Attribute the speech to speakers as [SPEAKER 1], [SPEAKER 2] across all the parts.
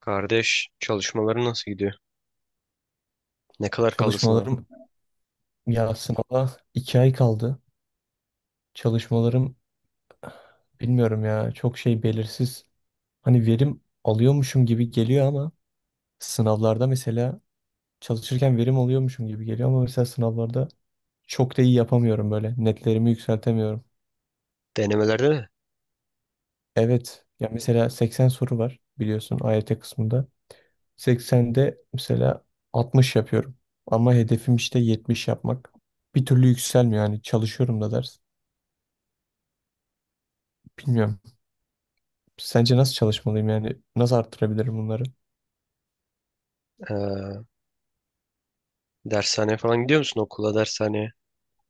[SPEAKER 1] Kardeş çalışmaları nasıl gidiyor? Ne kadar kaldı sınava?
[SPEAKER 2] Çalışmalarım, ya sınava iki ay kaldı. Çalışmalarım, bilmiyorum ya, çok şey belirsiz. Hani verim alıyormuşum gibi geliyor ama sınavlarda mesela, çalışırken verim alıyormuşum gibi geliyor ama mesela sınavlarda çok da iyi yapamıyorum böyle. Netlerimi yükseltemiyorum.
[SPEAKER 1] Denemelerde mi?
[SPEAKER 2] Evet ya, mesela 80 soru var, biliyorsun, AYT kısmında. 80'de mesela 60 yapıyorum. Ama hedefim işte 70 yapmak. Bir türlü yükselmiyor yani, çalışıyorum da ders. Bilmiyorum. Sence nasıl çalışmalıyım yani? Nasıl arttırabilirim bunları?
[SPEAKER 1] Ee, Dershaneye falan gidiyor musun? Okula, dershaneye.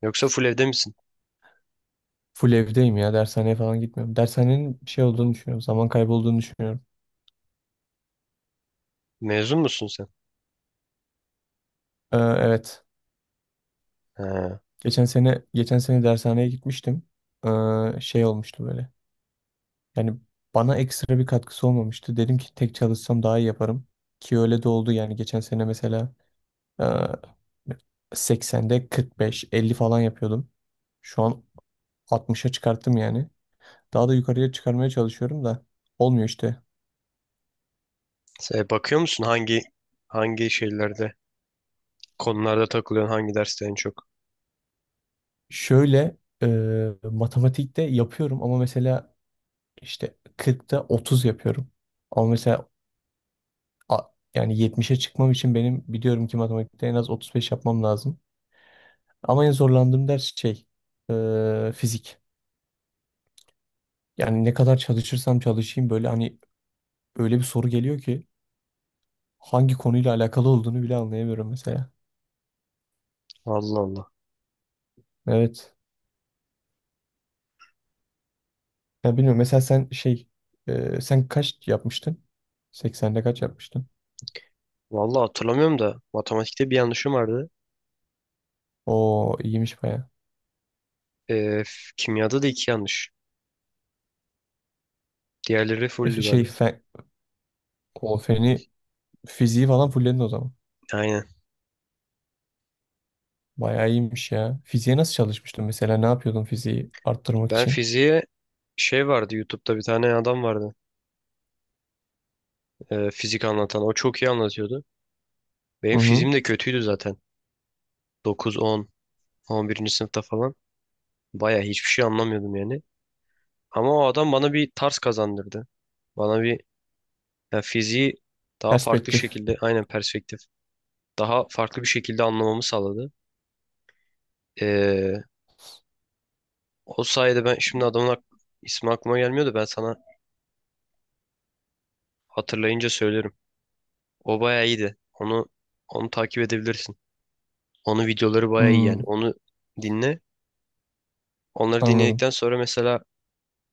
[SPEAKER 1] Yoksa full evde misin?
[SPEAKER 2] Full evdeyim ya. Dershaneye falan gitmiyorum. Dershanenin bir şey olduğunu düşünüyorum. Zaman kaybı olduğunu düşünüyorum.
[SPEAKER 1] Mezun musun sen?
[SPEAKER 2] Evet.
[SPEAKER 1] Ha.
[SPEAKER 2] Geçen sene dershaneye gitmiştim. Şey olmuştu böyle. Yani bana ekstra bir katkısı olmamıştı. Dedim ki tek çalışsam daha iyi yaparım. Ki öyle de oldu yani. Geçen sene mesela e, 80'de 45, 50 falan yapıyordum. Şu an 60'a çıkarttım yani. Daha da yukarıya çıkarmaya çalışıyorum da olmuyor işte.
[SPEAKER 1] Sen bakıyor musun hangi şeylerde, konularda takılıyorsun, hangi derste en çok?
[SPEAKER 2] Şöyle, e, matematikte yapıyorum ama mesela işte 40'ta 30 yapıyorum. Ama mesela a- yani 70'e çıkmam için benim, biliyorum ki, matematikte en az 35 yapmam lazım. Ama en zorlandığım ders şey, fizik. Yani ne kadar çalışırsam çalışayım, böyle hani öyle bir soru geliyor ki hangi konuyla alakalı olduğunu bile anlayamıyorum mesela.
[SPEAKER 1] Allah Allah.
[SPEAKER 2] Evet. Ya, bilmiyorum, mesela sen şey, sen kaç yapmıştın? 80'de kaç yapmıştın?
[SPEAKER 1] Vallahi hatırlamıyorum da matematikte bir yanlışım vardı.
[SPEAKER 2] O iyiymiş bayağı.
[SPEAKER 1] Kimyada da iki yanlış. Diğerleri fulldü
[SPEAKER 2] Öf, şey,
[SPEAKER 1] galiba.
[SPEAKER 2] fen, o feni, fiziği falan fulledin o zaman.
[SPEAKER 1] Aynen.
[SPEAKER 2] Bayağı iyiymiş ya. Fiziğe nasıl çalışmıştın mesela? Ne yapıyordun fiziği arttırmak
[SPEAKER 1] Ben
[SPEAKER 2] için?
[SPEAKER 1] fiziğe şey vardı, YouTube'da bir tane adam vardı. Fizik anlatan. O çok iyi anlatıyordu. Benim
[SPEAKER 2] Hı hı.
[SPEAKER 1] fizim de kötüydü zaten. 9, 10, 11. sınıfta falan. Baya hiçbir şey anlamıyordum yani. Ama o adam bana bir tarz kazandırdı. Bana bir, yani fiziği daha farklı
[SPEAKER 2] Perspektif.
[SPEAKER 1] şekilde, aynen perspektif. Daha farklı bir şekilde anlamamı sağladı. Ee, O sayede ben şimdi adamın ismi aklıma gelmiyor da ben sana hatırlayınca söylerim. O baya iyiydi. Onu takip edebilirsin. Onun videoları baya iyi yani.
[SPEAKER 2] Hmm,
[SPEAKER 1] Onu dinle. Onları
[SPEAKER 2] anladım.
[SPEAKER 1] dinledikten sonra mesela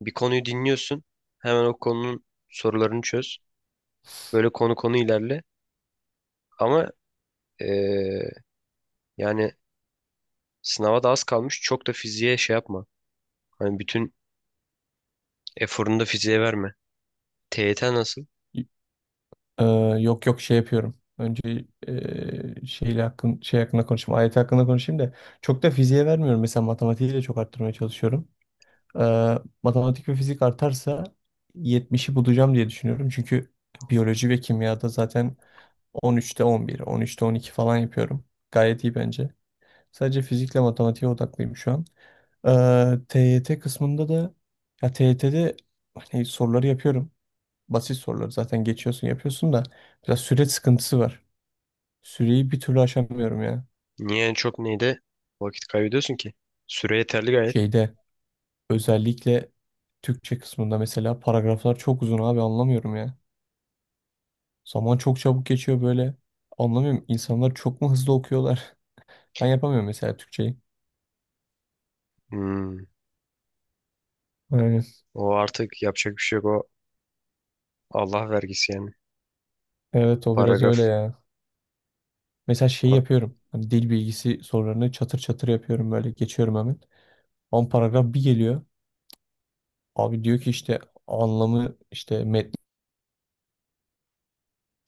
[SPEAKER 1] bir konuyu dinliyorsun. Hemen o konunun sorularını çöz. Böyle konu konu ilerle. Ama eee, yani sınava da az kalmış. Çok da fiziğe şey yapma. Hani bütün eforunu da fiziğe verme. TYT nasıl?
[SPEAKER 2] Y- Ee, Yok yok, şey yapıyorum. Önce şey hakkında konuşayım. Ayet hakkında konuşayım da çok da fiziğe vermiyorum. Mesela matematiği de çok arttırmaya çalışıyorum. Matematik ve fizik artarsa 70'i bulacağım diye düşünüyorum. Çünkü biyoloji ve kimyada zaten 13'te 11, 13'te 12 falan yapıyorum. Gayet iyi bence. Sadece fizikle matematiğe odaklıyım şu an. TYT kısmında da, ya, TYT'de hani soruları yapıyorum. Basit soruları zaten geçiyorsun, yapıyorsun da biraz süre sıkıntısı var. Süreyi bir türlü aşamıyorum ya.
[SPEAKER 1] Niye en çok neyde vakit kaybediyorsun ki? Süre yeterli gayet.
[SPEAKER 2] Şeyde, özellikle Türkçe kısmında, mesela paragraflar çok uzun abi, anlamıyorum ya. Zaman çok çabuk geçiyor böyle. Anlamıyorum, insanlar çok mu hızlı okuyorlar? Ben yapamıyorum mesela Türkçeyi.
[SPEAKER 1] Hmm.
[SPEAKER 2] Aynen.
[SPEAKER 1] O artık yapacak bir şey yok. O Allah vergisi yani.
[SPEAKER 2] Evet, o biraz öyle
[SPEAKER 1] Paragraf.
[SPEAKER 2] ya. Mesela şeyi
[SPEAKER 1] Falan.
[SPEAKER 2] yapıyorum. Hani dil bilgisi sorularını çatır çatır yapıyorum, böyle geçiyorum hemen. 10 paragraf bir geliyor. Abi diyor ki işte anlamı, işte metni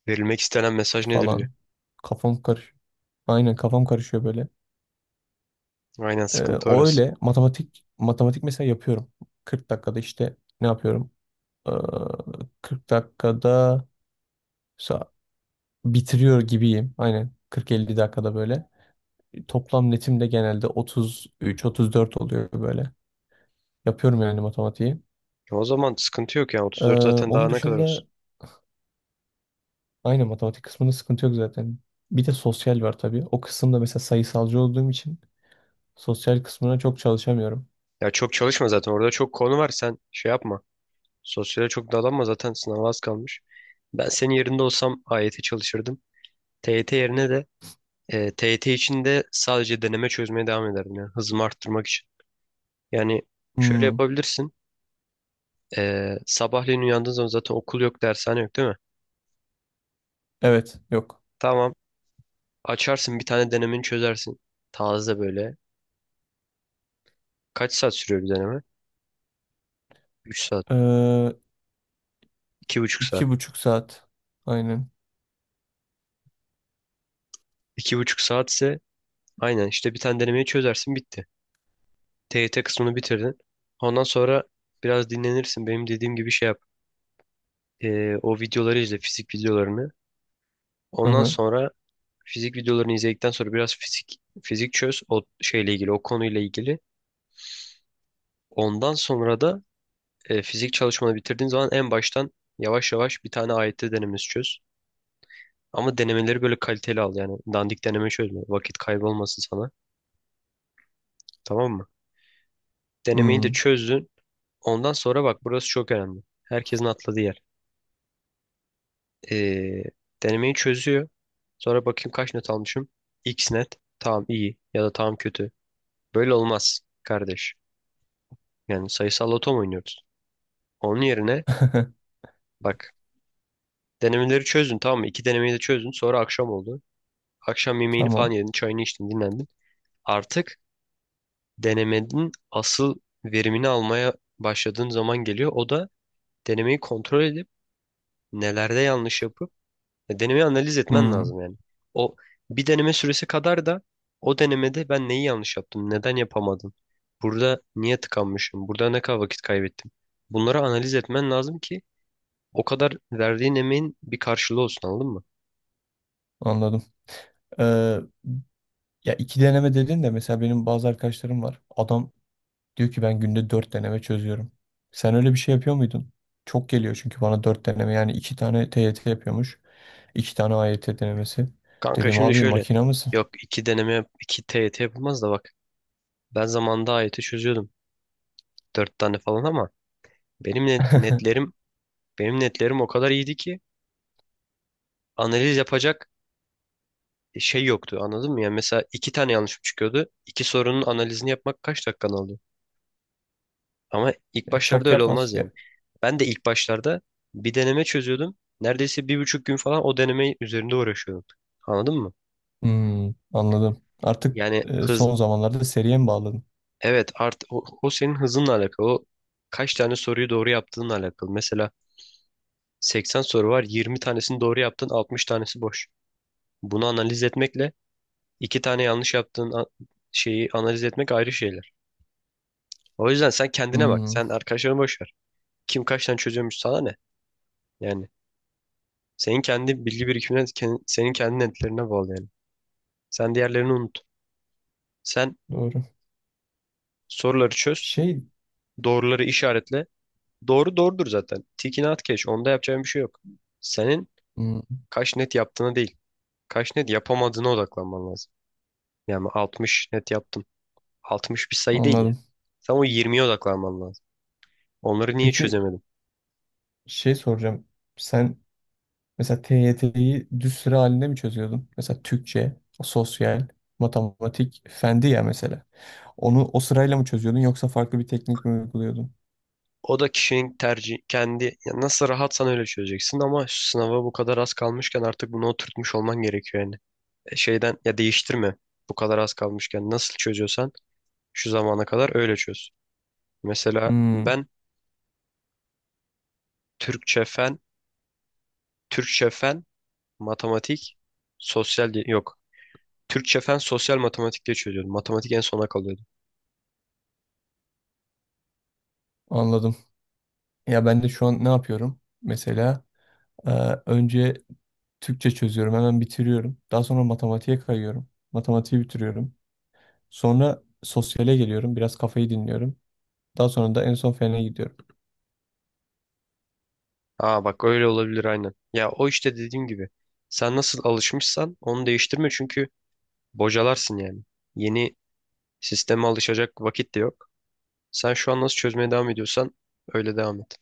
[SPEAKER 1] Verilmek istenen mesaj nedir diyor.
[SPEAKER 2] falan. Kafam karışıyor. Aynen, kafam karışıyor böyle.
[SPEAKER 1] Aynen, sıkıntı
[SPEAKER 2] O
[SPEAKER 1] orası.
[SPEAKER 2] öyle, matematik mesela yapıyorum. 40 dakikada işte ne yapıyorum? Ee, 40 dakikada sa- bitiriyor gibiyim. Aynen 40-50 dakikada böyle. Toplam netim de genelde 33-34 oluyor böyle. Yapıyorum yani matematiği.
[SPEAKER 1] O zaman sıkıntı yok yani. 34 zaten daha
[SPEAKER 2] Onun
[SPEAKER 1] ne kadar olsun.
[SPEAKER 2] dışında aynı matematik kısmında sıkıntı yok zaten. Bir de sosyal var tabii. O kısımda mesela, sayısalcı olduğum için, sosyal kısmına çok çalışamıyorum.
[SPEAKER 1] Ya çok çalışma zaten orada çok konu var, sen şey yapma. Sosyale çok dalanma zaten sınava az kalmış. Ben senin yerinde olsam AYT çalışırdım. TYT yerine de TYT için de sadece deneme çözmeye devam ederdim yani hızımı arttırmak için. Yani şöyle
[SPEAKER 2] Hmm,
[SPEAKER 1] yapabilirsin. Sabahleyin uyandığın zaman zaten okul yok, dershane yok değil mi?
[SPEAKER 2] evet, yok.
[SPEAKER 1] Tamam. Açarsın, bir tane denemeni çözersin. Taze böyle. Kaç saat sürüyor bir deneme? 3 saat.
[SPEAKER 2] Ee,
[SPEAKER 1] 2,5 saat.
[SPEAKER 2] iki buçuk saat. Aynen.
[SPEAKER 1] 2,5 saat ise aynen işte bir tane denemeyi çözersin bitti. TYT kısmını bitirdin. Ondan sonra biraz dinlenirsin. Benim dediğim gibi şey yap. O videoları izle, fizik videolarını.
[SPEAKER 2] Hı
[SPEAKER 1] Ondan
[SPEAKER 2] hı.
[SPEAKER 1] sonra fizik videolarını izledikten sonra biraz fizik fizik çöz o şeyle ilgili, o konuyla ilgili. Ondan sonra da fizik çalışmanı bitirdiğin zaman en baştan yavaş yavaş bir tane AYT denemesi çöz. Ama denemeleri böyle kaliteli al yani. Dandik deneme çözme. Vakit kaybolmasın sana. Tamam mı? Denemeyi de
[SPEAKER 2] Hmm.
[SPEAKER 1] çözdün. Ondan sonra bak, burası çok önemli. Herkesin atladığı yer. Ee, Denemeyi çözüyor. Sonra bakayım kaç net almışım. X net. Tamam iyi ya da tamam kötü. Böyle olmaz kardeş. Yani sayısal loto mu oynuyoruz? Onun yerine bak, denemeleri çözdün tamam mı? İki denemeyi de çözdün. Sonra akşam oldu. Akşam yemeğini falan
[SPEAKER 2] Tamam.
[SPEAKER 1] yedin. Çayını içtin, dinlendin. Artık denemenin asıl verimini almaya başladığın zaman geliyor. O da denemeyi kontrol edip nelerde yanlış yapıp denemeyi analiz etmen
[SPEAKER 2] Hmm.
[SPEAKER 1] lazım yani. O bir deneme süresi kadar da o denemede ben neyi yanlış yaptım, neden yapamadım, burada niye tıkanmışım, burada ne kadar vakit kaybettim. Bunları analiz etmen lazım ki o kadar verdiğin emeğin bir karşılığı olsun anladın mı?
[SPEAKER 2] Anladım. Ee, Ya, iki deneme dedin de mesela benim bazı arkadaşlarım var. Adam diyor ki ben günde dört deneme çözüyorum. Sen öyle bir şey yapıyor muydun? Çok geliyor çünkü bana dört deneme, yani iki tane TYT yapıyormuş. İki tane AYT denemesi.
[SPEAKER 1] Kanka
[SPEAKER 2] Dedim
[SPEAKER 1] şimdi
[SPEAKER 2] abi
[SPEAKER 1] şöyle,
[SPEAKER 2] makina mısın?
[SPEAKER 1] yok iki deneme, iki TYT yapılmaz da bak ben zamanında AYT çözüyordum. Dört tane falan ama benim ne- netlerim, benim netlerim o kadar iyiydi ki analiz yapacak şey yoktu anladın mı? Yani mesela iki tane yanlışım çıkıyordu. İki sorunun analizini yapmak kaç dakikanı alıyor? Ama ilk
[SPEAKER 2] Ya
[SPEAKER 1] başlarda
[SPEAKER 2] çok
[SPEAKER 1] öyle
[SPEAKER 2] yapmaz.
[SPEAKER 1] olmaz yani.
[SPEAKER 2] Ya,
[SPEAKER 1] Ben de ilk başlarda bir deneme çözüyordum. Neredeyse 1,5 gün falan o deneme üzerinde uğraşıyordum. Anladın mı?
[SPEAKER 2] hmm, anladım. Artık
[SPEAKER 1] Yani hız,
[SPEAKER 2] son zamanlarda seriye mi bağladın?
[SPEAKER 1] evet, o senin hızınla alakalı. O kaç tane soruyu doğru yaptığınla alakalı. Mesela 80 soru var. 20 tanesini doğru yaptın, 60 tanesi boş. Bunu analiz etmekle iki tane yanlış yaptığın şeyi analiz etmek ayrı şeyler. O yüzden sen kendine bak.
[SPEAKER 2] Hmm,
[SPEAKER 1] Sen arkadaşlarını boş ver. Kim kaç tane çözüyormuş sana ne? Yani senin kendi bilgi birikimine, senin kendi netlerine bağlı yani. Sen diğerlerini unut. Sen
[SPEAKER 2] doğru.
[SPEAKER 1] soruları çöz,
[SPEAKER 2] Şey,
[SPEAKER 1] doğruları işaretle. Doğru doğrudur zaten. Tikini at geç. Onda yapacağın bir şey yok. Senin
[SPEAKER 2] hmm,
[SPEAKER 1] kaç net yaptığına değil, kaç net yapamadığına odaklanman lazım. Yani 60 net yaptın. 60 bir sayı değil yani.
[SPEAKER 2] anladım.
[SPEAKER 1] Sen o 20'ye odaklanman lazım. Onları niye
[SPEAKER 2] Peki,
[SPEAKER 1] çözemedin?
[SPEAKER 2] şey soracağım. Sen mesela TYT'yi düz sıra halinde mi çözüyordun? Mesela Türkçe, sosyal, matematik, fendi ya mesela. Onu o sırayla mı çözüyordun yoksa farklı bir teknik mi uyguluyordun?
[SPEAKER 1] O da kişinin tercih kendi, ya nasıl rahatsan öyle çözeceksin ama şu sınava bu kadar az kalmışken artık bunu oturtmuş olman gerekiyor yani. Şeyden ya değiştirme. Bu kadar az kalmışken nasıl çözüyorsan şu zamana kadar öyle çöz. Mesela
[SPEAKER 2] Hmm,
[SPEAKER 1] ben Türkçe fen, Türkçe fen, matematik, sosyal diye yok. Türkçe fen sosyal matematik diye çözüyordum. Matematik en sona kalıyordu.
[SPEAKER 2] anladım. Ya ben de şu an ne yapıyorum? Mesela, Ee, önce Türkçe çözüyorum, hemen bitiriyorum. Daha sonra matematiğe kayıyorum. Matematiği bitiriyorum. Sonra sosyale geliyorum, biraz kafayı dinliyorum. Daha sonra da en son fene gidiyorum.
[SPEAKER 1] Aa bak, öyle olabilir aynen. Ya o işte dediğim gibi. Sen nasıl alışmışsan onu değiştirme çünkü bocalarsın yani. Yeni sisteme alışacak vakit de yok. Sen şu an nasıl çözmeye devam ediyorsan öyle devam et.